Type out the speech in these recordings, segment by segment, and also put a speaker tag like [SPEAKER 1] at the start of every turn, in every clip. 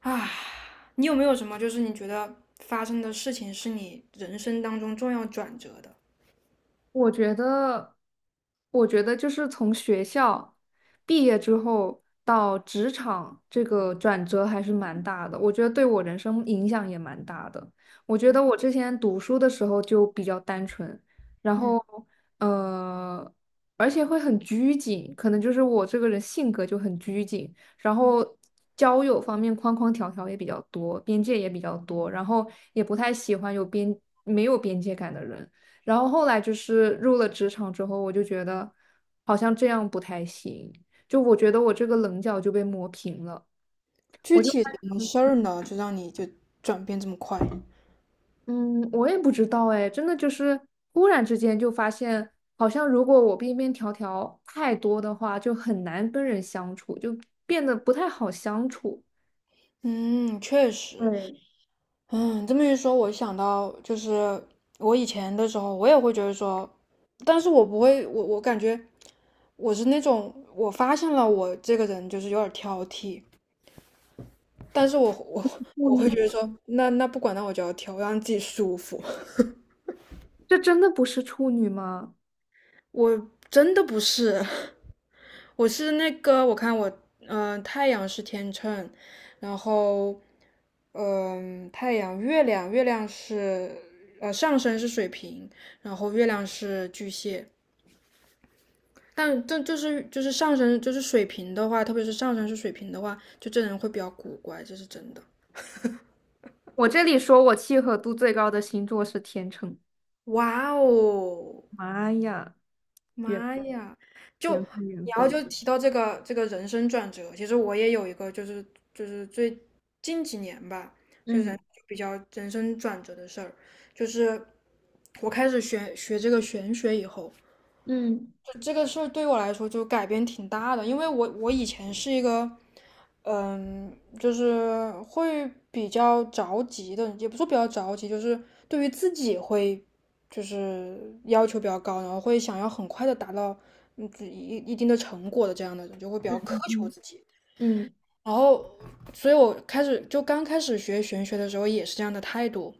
[SPEAKER 1] 啊，你有没有什么就是你觉得发生的事情是你人生当中重要转折的？
[SPEAKER 2] 我觉得，我觉得就是从学校毕业之后到职场，这个转折还是蛮大的。我觉得对我人生影响也蛮大的。我觉得我之前读书的时候就比较单纯，然
[SPEAKER 1] 嗯，
[SPEAKER 2] 后呃，而且会很拘谨，可能就是我这个人性格就很拘谨，然后交友方面框框条条也比较多，边界也比较多，然后也不太喜欢没有边界感的人。然后后来就是入了职场之后，我就觉得好像这样不太行，就我觉得我这个棱角就被磨平了。
[SPEAKER 1] 具体什么事儿呢？就让你就转变这么快？
[SPEAKER 2] 嗯，我也不知道哎，真的就是忽然之间就发现，好像如果我边边条条太多的话，就很难跟人相处，就变得不太好相处。
[SPEAKER 1] 嗯，确实。
[SPEAKER 2] 对，
[SPEAKER 1] 嗯，这么一说，我想到就是我以前的时候，我也会觉得说，但是我不会，我感觉我是那种，我发现了我这个人就是有点挑剔，但是我
[SPEAKER 2] 处
[SPEAKER 1] 我会
[SPEAKER 2] 女，
[SPEAKER 1] 觉得说，那不管，那我就要挑，我让自己舒服。
[SPEAKER 2] 这真的不是处女吗？
[SPEAKER 1] 我真的不是，我是那个，我看我，太阳是天秤，然后，嗯、太阳、月亮，月亮是，上升是水瓶，然后月亮是巨蟹。但这就是上升就是水瓶的话，特别是上升是水瓶的话，就这人会比较古怪，这是真的。
[SPEAKER 2] 我这里说我契合度最高的星座是天秤。
[SPEAKER 1] 哇哦！
[SPEAKER 2] 妈呀，缘
[SPEAKER 1] 妈呀！就
[SPEAKER 2] 缘分缘
[SPEAKER 1] 你要
[SPEAKER 2] 分。
[SPEAKER 1] 就提到这个这个人生转折，其实我也有一个，就是最近几年吧，就是
[SPEAKER 2] 嗯
[SPEAKER 1] 人比较人生转折的事儿，就是我开始学学这个玄学以后。
[SPEAKER 2] 嗯
[SPEAKER 1] 这个事儿对我来说就改变挺大的，因为我以前是一个，嗯，就是会比较着急的，也不说比较着急，就是对于自己会就是要求比较高，然后会想要很快的达到嗯自己一定的成果的这样的人，就会比较苛求
[SPEAKER 2] 嗯
[SPEAKER 1] 自己。
[SPEAKER 2] 嗯。
[SPEAKER 1] 然后，所以我开始就刚开始学玄学的时候也是这样的态度，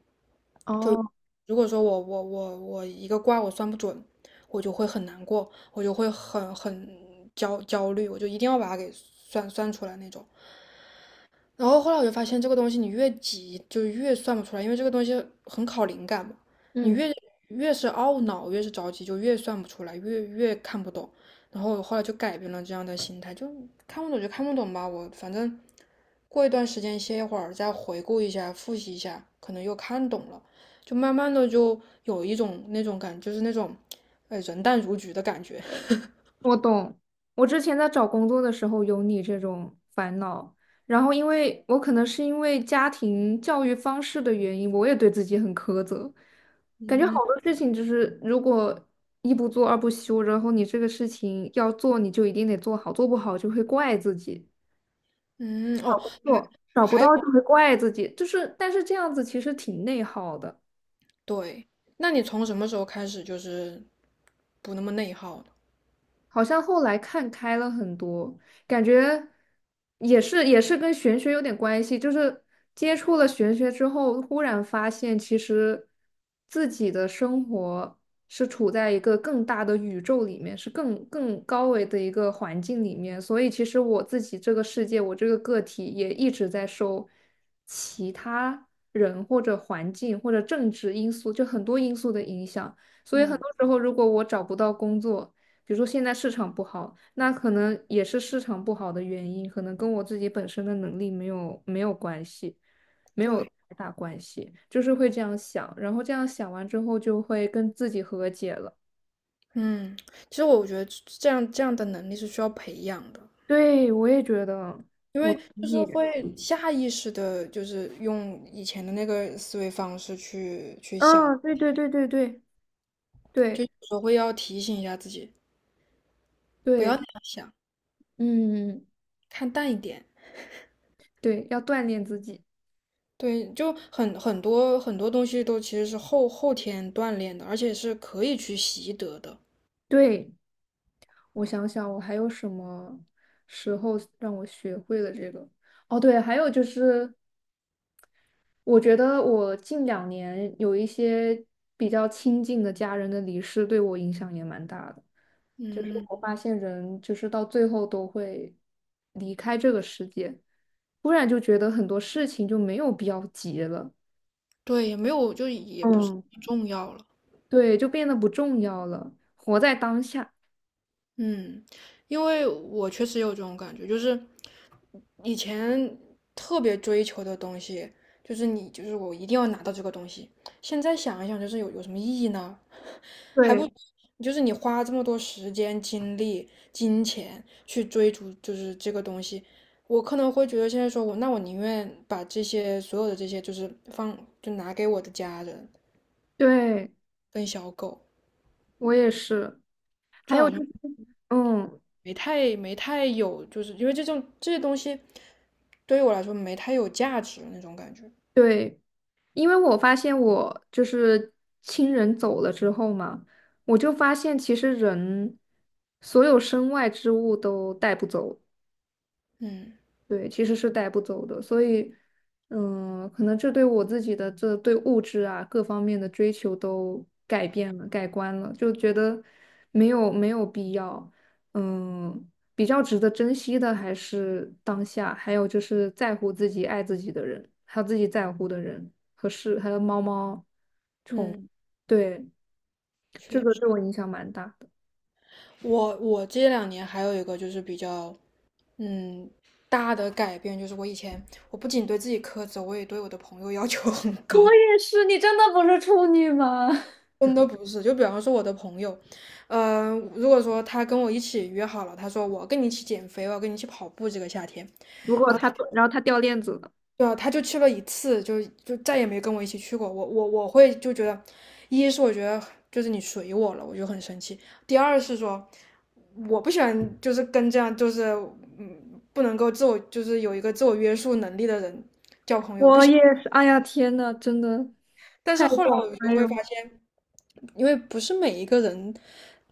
[SPEAKER 2] 哦，
[SPEAKER 1] 如果说我一个卦我算不准，我就会很难过，我就会很很焦虑，我就一定要把它给算出来那种。然后后来我就发现，这个东西你越急就越算不出来，因为这个东西很考灵感嘛。你
[SPEAKER 2] 嗯，
[SPEAKER 1] 越越是懊恼，越是着急，就越算不出来，越看不懂。然后我后来就改变了这样的心态，就看不懂就看不懂吧，我反正过一段时间歇一会儿，再回顾一下，复习一下，可能又看懂了，就慢慢的就有一种那种感，就是那种人淡如菊的感觉。
[SPEAKER 2] 我懂。我之前在找工作的时候有你这种烦恼，然后因为我可能是因为家庭教育方式的原因，我也对自己很苛责，感觉好多事情就是如果一不做二不休，然后你这个事情要做，你就一定得做好，做不好就会怪自己，
[SPEAKER 1] 嗯，
[SPEAKER 2] 找
[SPEAKER 1] 哦，
[SPEAKER 2] 工
[SPEAKER 1] 还。
[SPEAKER 2] 作找不
[SPEAKER 1] 还
[SPEAKER 2] 到就会怪自己，就是但是这样子其实挺内耗的。
[SPEAKER 1] 对，那你从什么时候开始就是不那么内耗呢？
[SPEAKER 2] 好像后来看开了很多，感觉也是跟玄学有点关系，就是接触了玄学之后，忽然发现其实自己的生活是处在一个更大的宇宙里面，是更高维的一个环境里面，所以其实我自己这个世界，我这个个体也一直在受其他人或者环境或者政治因素，就很多因素的影响，所以很
[SPEAKER 1] 嗯，
[SPEAKER 2] 多时候如果我找不到工作。比如说现在市场不好，那可能也是市场不好的原因，可能跟我自己本身的能力没有关系，没有
[SPEAKER 1] 对。
[SPEAKER 2] 太大关系，就是会这样想，然后这样想完之后就会跟自己和解了。
[SPEAKER 1] 嗯，其实我觉得这样的能力是需要培养的，
[SPEAKER 2] 对，我也觉得，
[SPEAKER 1] 因
[SPEAKER 2] 我
[SPEAKER 1] 为
[SPEAKER 2] 同
[SPEAKER 1] 就是
[SPEAKER 2] 意。
[SPEAKER 1] 会下意识的，就是用以前的那个思维方式去想，
[SPEAKER 2] 嗯，对对对对对
[SPEAKER 1] 就
[SPEAKER 2] 对
[SPEAKER 1] 有时候会要提醒一下自己，不要
[SPEAKER 2] 对，
[SPEAKER 1] 那样想，
[SPEAKER 2] 嗯，
[SPEAKER 1] 看淡一点。
[SPEAKER 2] 对，要锻炼自己。
[SPEAKER 1] 对，就很很多东西都其实是后天锻炼的，而且是可以去习得的。
[SPEAKER 2] 对，我想想，我还有什么时候让我学会了这个？哦，对，还有就是我觉得我近两年有一些比较亲近的家人的离世，对我影响也蛮大的。就是我
[SPEAKER 1] 嗯，
[SPEAKER 2] 发现人就是到最后都会离开这个世界，突然就觉得很多事情就没有必要急了，
[SPEAKER 1] 对，也没有，就也不是
[SPEAKER 2] 嗯，
[SPEAKER 1] 很重要了。
[SPEAKER 2] 对，就变得不重要了，活在当下。
[SPEAKER 1] 嗯，因为我确实有这种感觉，就是以前特别追求的东西，就是你就是我一定要拿到这个东西。现在想一想，就是有什么意义呢？还
[SPEAKER 2] 对，
[SPEAKER 1] 不就是你花这么多时间、精力、金钱去追逐，就是这个东西，我可能会觉得现在说我，那我宁愿把这些所有的这些，就是放，就拿给我的家人
[SPEAKER 2] 对，
[SPEAKER 1] 跟小狗，
[SPEAKER 2] 我也是。还
[SPEAKER 1] 就
[SPEAKER 2] 有
[SPEAKER 1] 好
[SPEAKER 2] 就
[SPEAKER 1] 像
[SPEAKER 2] 是，嗯，
[SPEAKER 1] 没太有，就是因为这种这些东西。对于我来说没太有价值那种感觉。
[SPEAKER 2] 对。因为我发现我就是亲人走了之后嘛，我就发现其实人所有身外之物都带不走，
[SPEAKER 1] 嗯
[SPEAKER 2] 对，其实是带不走的。所以，嗯，可能这对我自己的这对物质啊各方面的追求都改变了、改观了，就觉得没有必要，嗯，比较值得珍惜的还是当下，还有就是在乎自己、爱自己的人，还有自己在乎的人和事，还有猫猫。
[SPEAKER 1] 嗯，
[SPEAKER 2] 对，这
[SPEAKER 1] 确
[SPEAKER 2] 个
[SPEAKER 1] 实，
[SPEAKER 2] 对我影响蛮大的。
[SPEAKER 1] 我这两年还有一个就是比较嗯大的改变，就是我以前我不仅对自己苛责，我也对我的朋友要求很高。
[SPEAKER 2] 也是，你真的不是处女吗？
[SPEAKER 1] 真的不是，就比方说我的朋友，嗯、如果说他跟我一起约好了，他说我要跟你一起减肥，我要跟你一起跑步这个夏天，
[SPEAKER 2] 如果
[SPEAKER 1] 然后他。
[SPEAKER 2] 他，然后他掉链子了，
[SPEAKER 1] 对啊，他就去了一次，就再也没跟我一起去过。我会就觉得，一是我觉得就是你随我了，我就很生气；第二是说我不喜欢就是跟这样就是嗯不能够自我就是有一个自我约束能力的人。
[SPEAKER 2] 我也是。哎呀，天呐，真的
[SPEAKER 1] 但是
[SPEAKER 2] 太懂
[SPEAKER 1] 后来
[SPEAKER 2] 了，
[SPEAKER 1] 我就
[SPEAKER 2] 哎呦，
[SPEAKER 1] 会发现。因为不是每一个人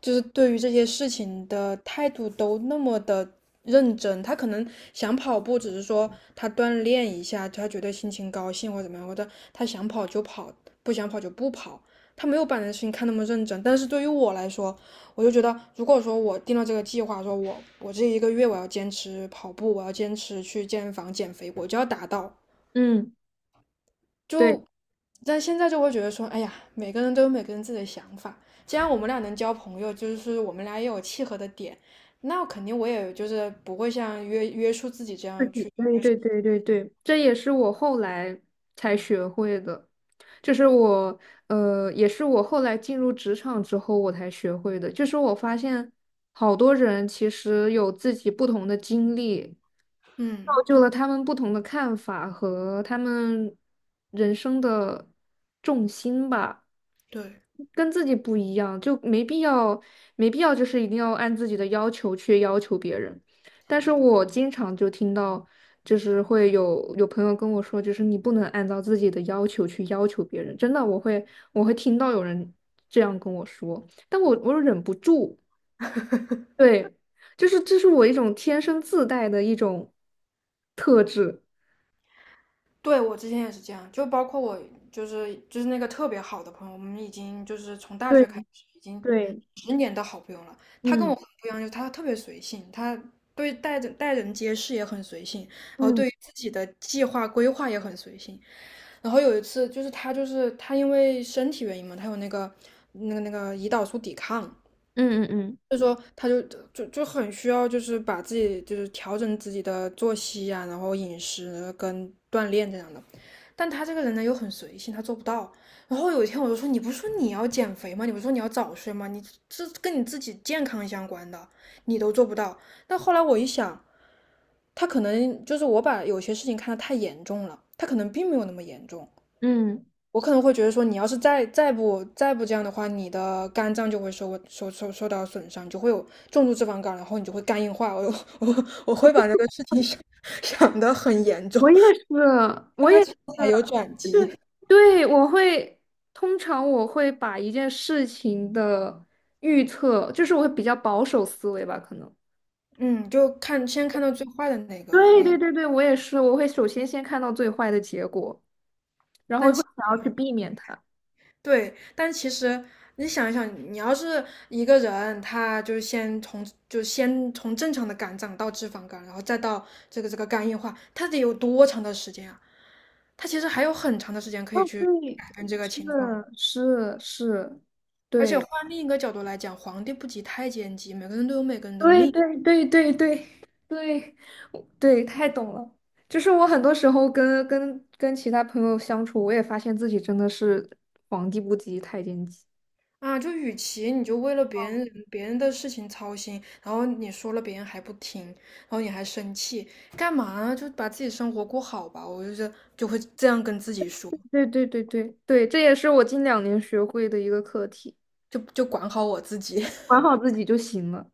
[SPEAKER 1] 就是对于这些事情的态度都那么的认真，他可能想跑步，只是说他锻炼一下，他觉得心情高兴或者怎么样，或者他想跑就跑，不想跑就不跑。他没有把这件事情看那么认真，但是对于我来说，我就觉得，如果说我定了这个计划，说我这一个月我要坚持跑步，我要坚持去健身房减肥，我就要达到。
[SPEAKER 2] 嗯，对，
[SPEAKER 1] 就，但现在就会觉得说，哎呀，每个人都有每个人自己的想法。既然我们俩能交朋友，就是我们俩也有契合的点，那肯定我也就是不会像约束自己这
[SPEAKER 2] 自
[SPEAKER 1] 样
[SPEAKER 2] 己，
[SPEAKER 1] 去。
[SPEAKER 2] 对对对对对，这也是我后来才学会的，就是我，也是我后来进入职场之后我才学会的，就是我发现好多人其实有自己不同的经历，
[SPEAKER 1] 嗯，
[SPEAKER 2] 就了他们不同的看法和他们人生的重心吧，
[SPEAKER 1] 对，
[SPEAKER 2] 跟自己不一样，就没必要，没必要就是一定要按自己的要求去要求别人。但是我经常就听到，就是会有朋友跟我说，就是你不能按照自己的要求去要求别人。真的，我会听到有人这样跟我说，但我又忍不住，对，就是这是我一种天生自带的一种特质。
[SPEAKER 1] 对我之前也是这样，就包括我就是那个特别好的朋友，我们已经就是从大
[SPEAKER 2] 对。
[SPEAKER 1] 学开始已经
[SPEAKER 2] 对，
[SPEAKER 1] 十年的好朋友了。他跟
[SPEAKER 2] 嗯
[SPEAKER 1] 我很不一样，就是他特别随性，他对待人待人接事也很随性，然后
[SPEAKER 2] 嗯
[SPEAKER 1] 对于自己的计划规划也很随性。然后有一次就是他因为身体原因嘛，他有那个那个胰岛素抵抗，
[SPEAKER 2] 嗯嗯嗯
[SPEAKER 1] 所以说他就就很需要就是把自己就是调整自己的作息啊，然后饮食跟锻炼这样的。但他这个人呢又很随性，他做不到。然后有一天我就说，你不是说你要减肥吗？你不是说你要早睡吗？你这跟你自己健康相关的，你都做不到。但后来我一想，他可能就是我把有些事情看得太严重了，他可能并没有那么严重。
[SPEAKER 2] 嗯，
[SPEAKER 1] 我可能会觉得说，你要是再不这样的话，你的肝脏就会受到损伤，你就会有重度脂肪肝，然后你就会肝硬化。我我会把这个事情想想得很严重，
[SPEAKER 2] 我也是，我
[SPEAKER 1] 但它
[SPEAKER 2] 也
[SPEAKER 1] 其
[SPEAKER 2] 是，
[SPEAKER 1] 实还有转
[SPEAKER 2] 就
[SPEAKER 1] 机。
[SPEAKER 2] 是对，通常我会把一件事情的预测，就是我会比较保守思维吧，可能。
[SPEAKER 1] 嗯，就看先看到最坏的那个
[SPEAKER 2] 对
[SPEAKER 1] 那，
[SPEAKER 2] 对对对，我也是，我会首先先看到最坏的结果，然后
[SPEAKER 1] 但
[SPEAKER 2] 会想要去避免它。
[SPEAKER 1] 对，但其实你想一想，你要是一个人，他就是先从正常的肝脏到脂肪肝，然后再到这个这个肝硬化，他得有多长的时间啊？他其实还有很长的时间可
[SPEAKER 2] 哦，
[SPEAKER 1] 以去
[SPEAKER 2] 对，
[SPEAKER 1] 改变这个情况。
[SPEAKER 2] 是是是，
[SPEAKER 1] 而且换另一个角度来讲，皇帝不急太监急，每个人都有每个人的
[SPEAKER 2] 对
[SPEAKER 1] 命。
[SPEAKER 2] 对对对对对，我对，太懂了。就是我很多时候跟其他朋友相处，我也发现自己真的是皇帝不急太监急。
[SPEAKER 1] 啊，就与其你就为了别人的事情操心，然后你说了别人还不听，然后你还生气，干嘛呢？就把自己生活过好吧。我就是就会这样跟自己说，
[SPEAKER 2] 对对对对对，这也是我近两年学会的一个课题，
[SPEAKER 1] 就管好我自己。
[SPEAKER 2] 管 好自己就行了。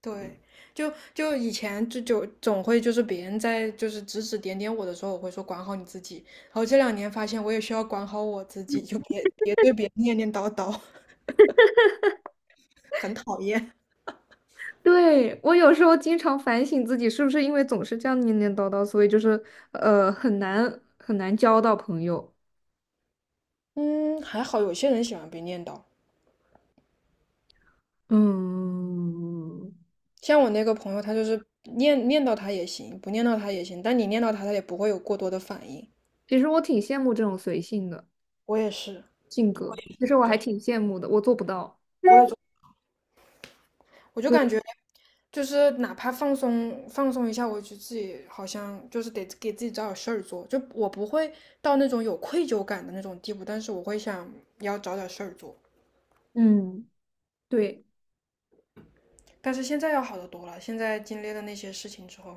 [SPEAKER 1] 对，就就以前就就总会就是别人在就是指指点点我的时候，我会说管好你自己。然后这两年发现我也需要管好我自己，就别对别人念念叨叨，很讨厌。
[SPEAKER 2] 对，我有时候经常反省自己，是不是因为总是这样念念叨叨，所以就是很难很难交到朋友。
[SPEAKER 1] 嗯，还好有些人喜欢被念叨。
[SPEAKER 2] 嗯，
[SPEAKER 1] 像我那个朋友，他就是念念叨他也行，不念叨他也行，但你念叨他，他也不会有过多的反应。
[SPEAKER 2] 其实我挺羡慕这种随性的。
[SPEAKER 1] 我也是，
[SPEAKER 2] 性格。其实我还挺羡慕的，我做不到。
[SPEAKER 1] 我也就我就
[SPEAKER 2] 对，
[SPEAKER 1] 感觉就是哪怕放松放松一下，我就自己好像就是得给自己找点事儿做，就我不会到那种有愧疚感的那种地步，但是我会想要找点事儿做。
[SPEAKER 2] 嗯，对，
[SPEAKER 1] 但是现在要好得多了，现在经历了那些事情之后，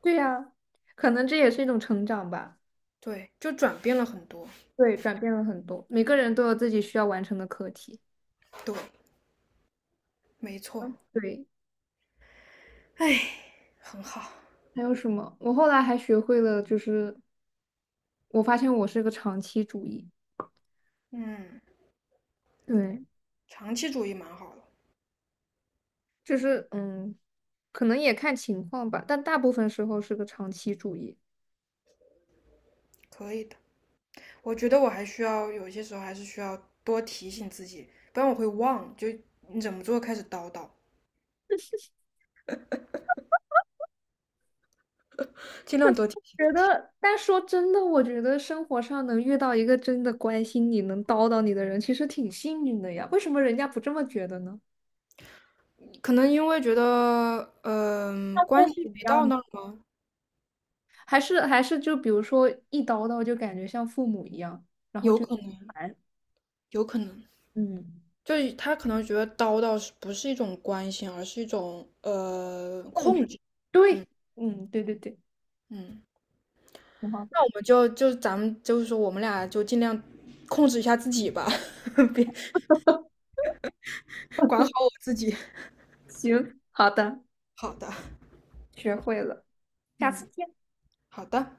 [SPEAKER 2] 对呀，可能这也是一种成长吧。
[SPEAKER 1] 对，就转变了很多。
[SPEAKER 2] 对，转变了很多，每个人都有自己需要完成的课题。
[SPEAKER 1] 对，没错，
[SPEAKER 2] 对，
[SPEAKER 1] 哎，很好，
[SPEAKER 2] 还有什么？我后来还学会了，就是我发现我是个长期主义。
[SPEAKER 1] 嗯，
[SPEAKER 2] 对，
[SPEAKER 1] 长期主义蛮好的，
[SPEAKER 2] 就是嗯，可能也看情况吧，但大部分时候是个长期主义。
[SPEAKER 1] 可以的。我觉得我还需要有些时候还是需要多提醒自己，不然我会忘，就你怎么做开始叨叨。尽量多提醒。
[SPEAKER 2] 觉得，但说真的，我觉得生活上能遇到一个真的关心你、能叨叨你的人，其实挺幸运的呀。为什么人家不这么觉得呢？
[SPEAKER 1] 可能因为觉得，
[SPEAKER 2] 像父
[SPEAKER 1] 关
[SPEAKER 2] 母
[SPEAKER 1] 系
[SPEAKER 2] 一
[SPEAKER 1] 没
[SPEAKER 2] 样
[SPEAKER 1] 到
[SPEAKER 2] 吗，
[SPEAKER 1] 那儿吗？
[SPEAKER 2] 还是就比如说一叨叨就感觉像父母一样，然后
[SPEAKER 1] 有
[SPEAKER 2] 就
[SPEAKER 1] 可能，
[SPEAKER 2] 烦，
[SPEAKER 1] 有可能，
[SPEAKER 2] 嗯，
[SPEAKER 1] 就是他可能觉得叨叨是不是一种关心，而是一种
[SPEAKER 2] 控
[SPEAKER 1] 控
[SPEAKER 2] 制。
[SPEAKER 1] 制。
[SPEAKER 2] 对，嗯，对对对，
[SPEAKER 1] 嗯，
[SPEAKER 2] 挺好的。
[SPEAKER 1] 那我们就就咱们就是说，我们俩就尽量控制一下自己吧，别管好我自己。
[SPEAKER 2] 行，好的，
[SPEAKER 1] 好的，
[SPEAKER 2] 学会了，下次
[SPEAKER 1] 嗯，
[SPEAKER 2] 见。
[SPEAKER 1] 好的。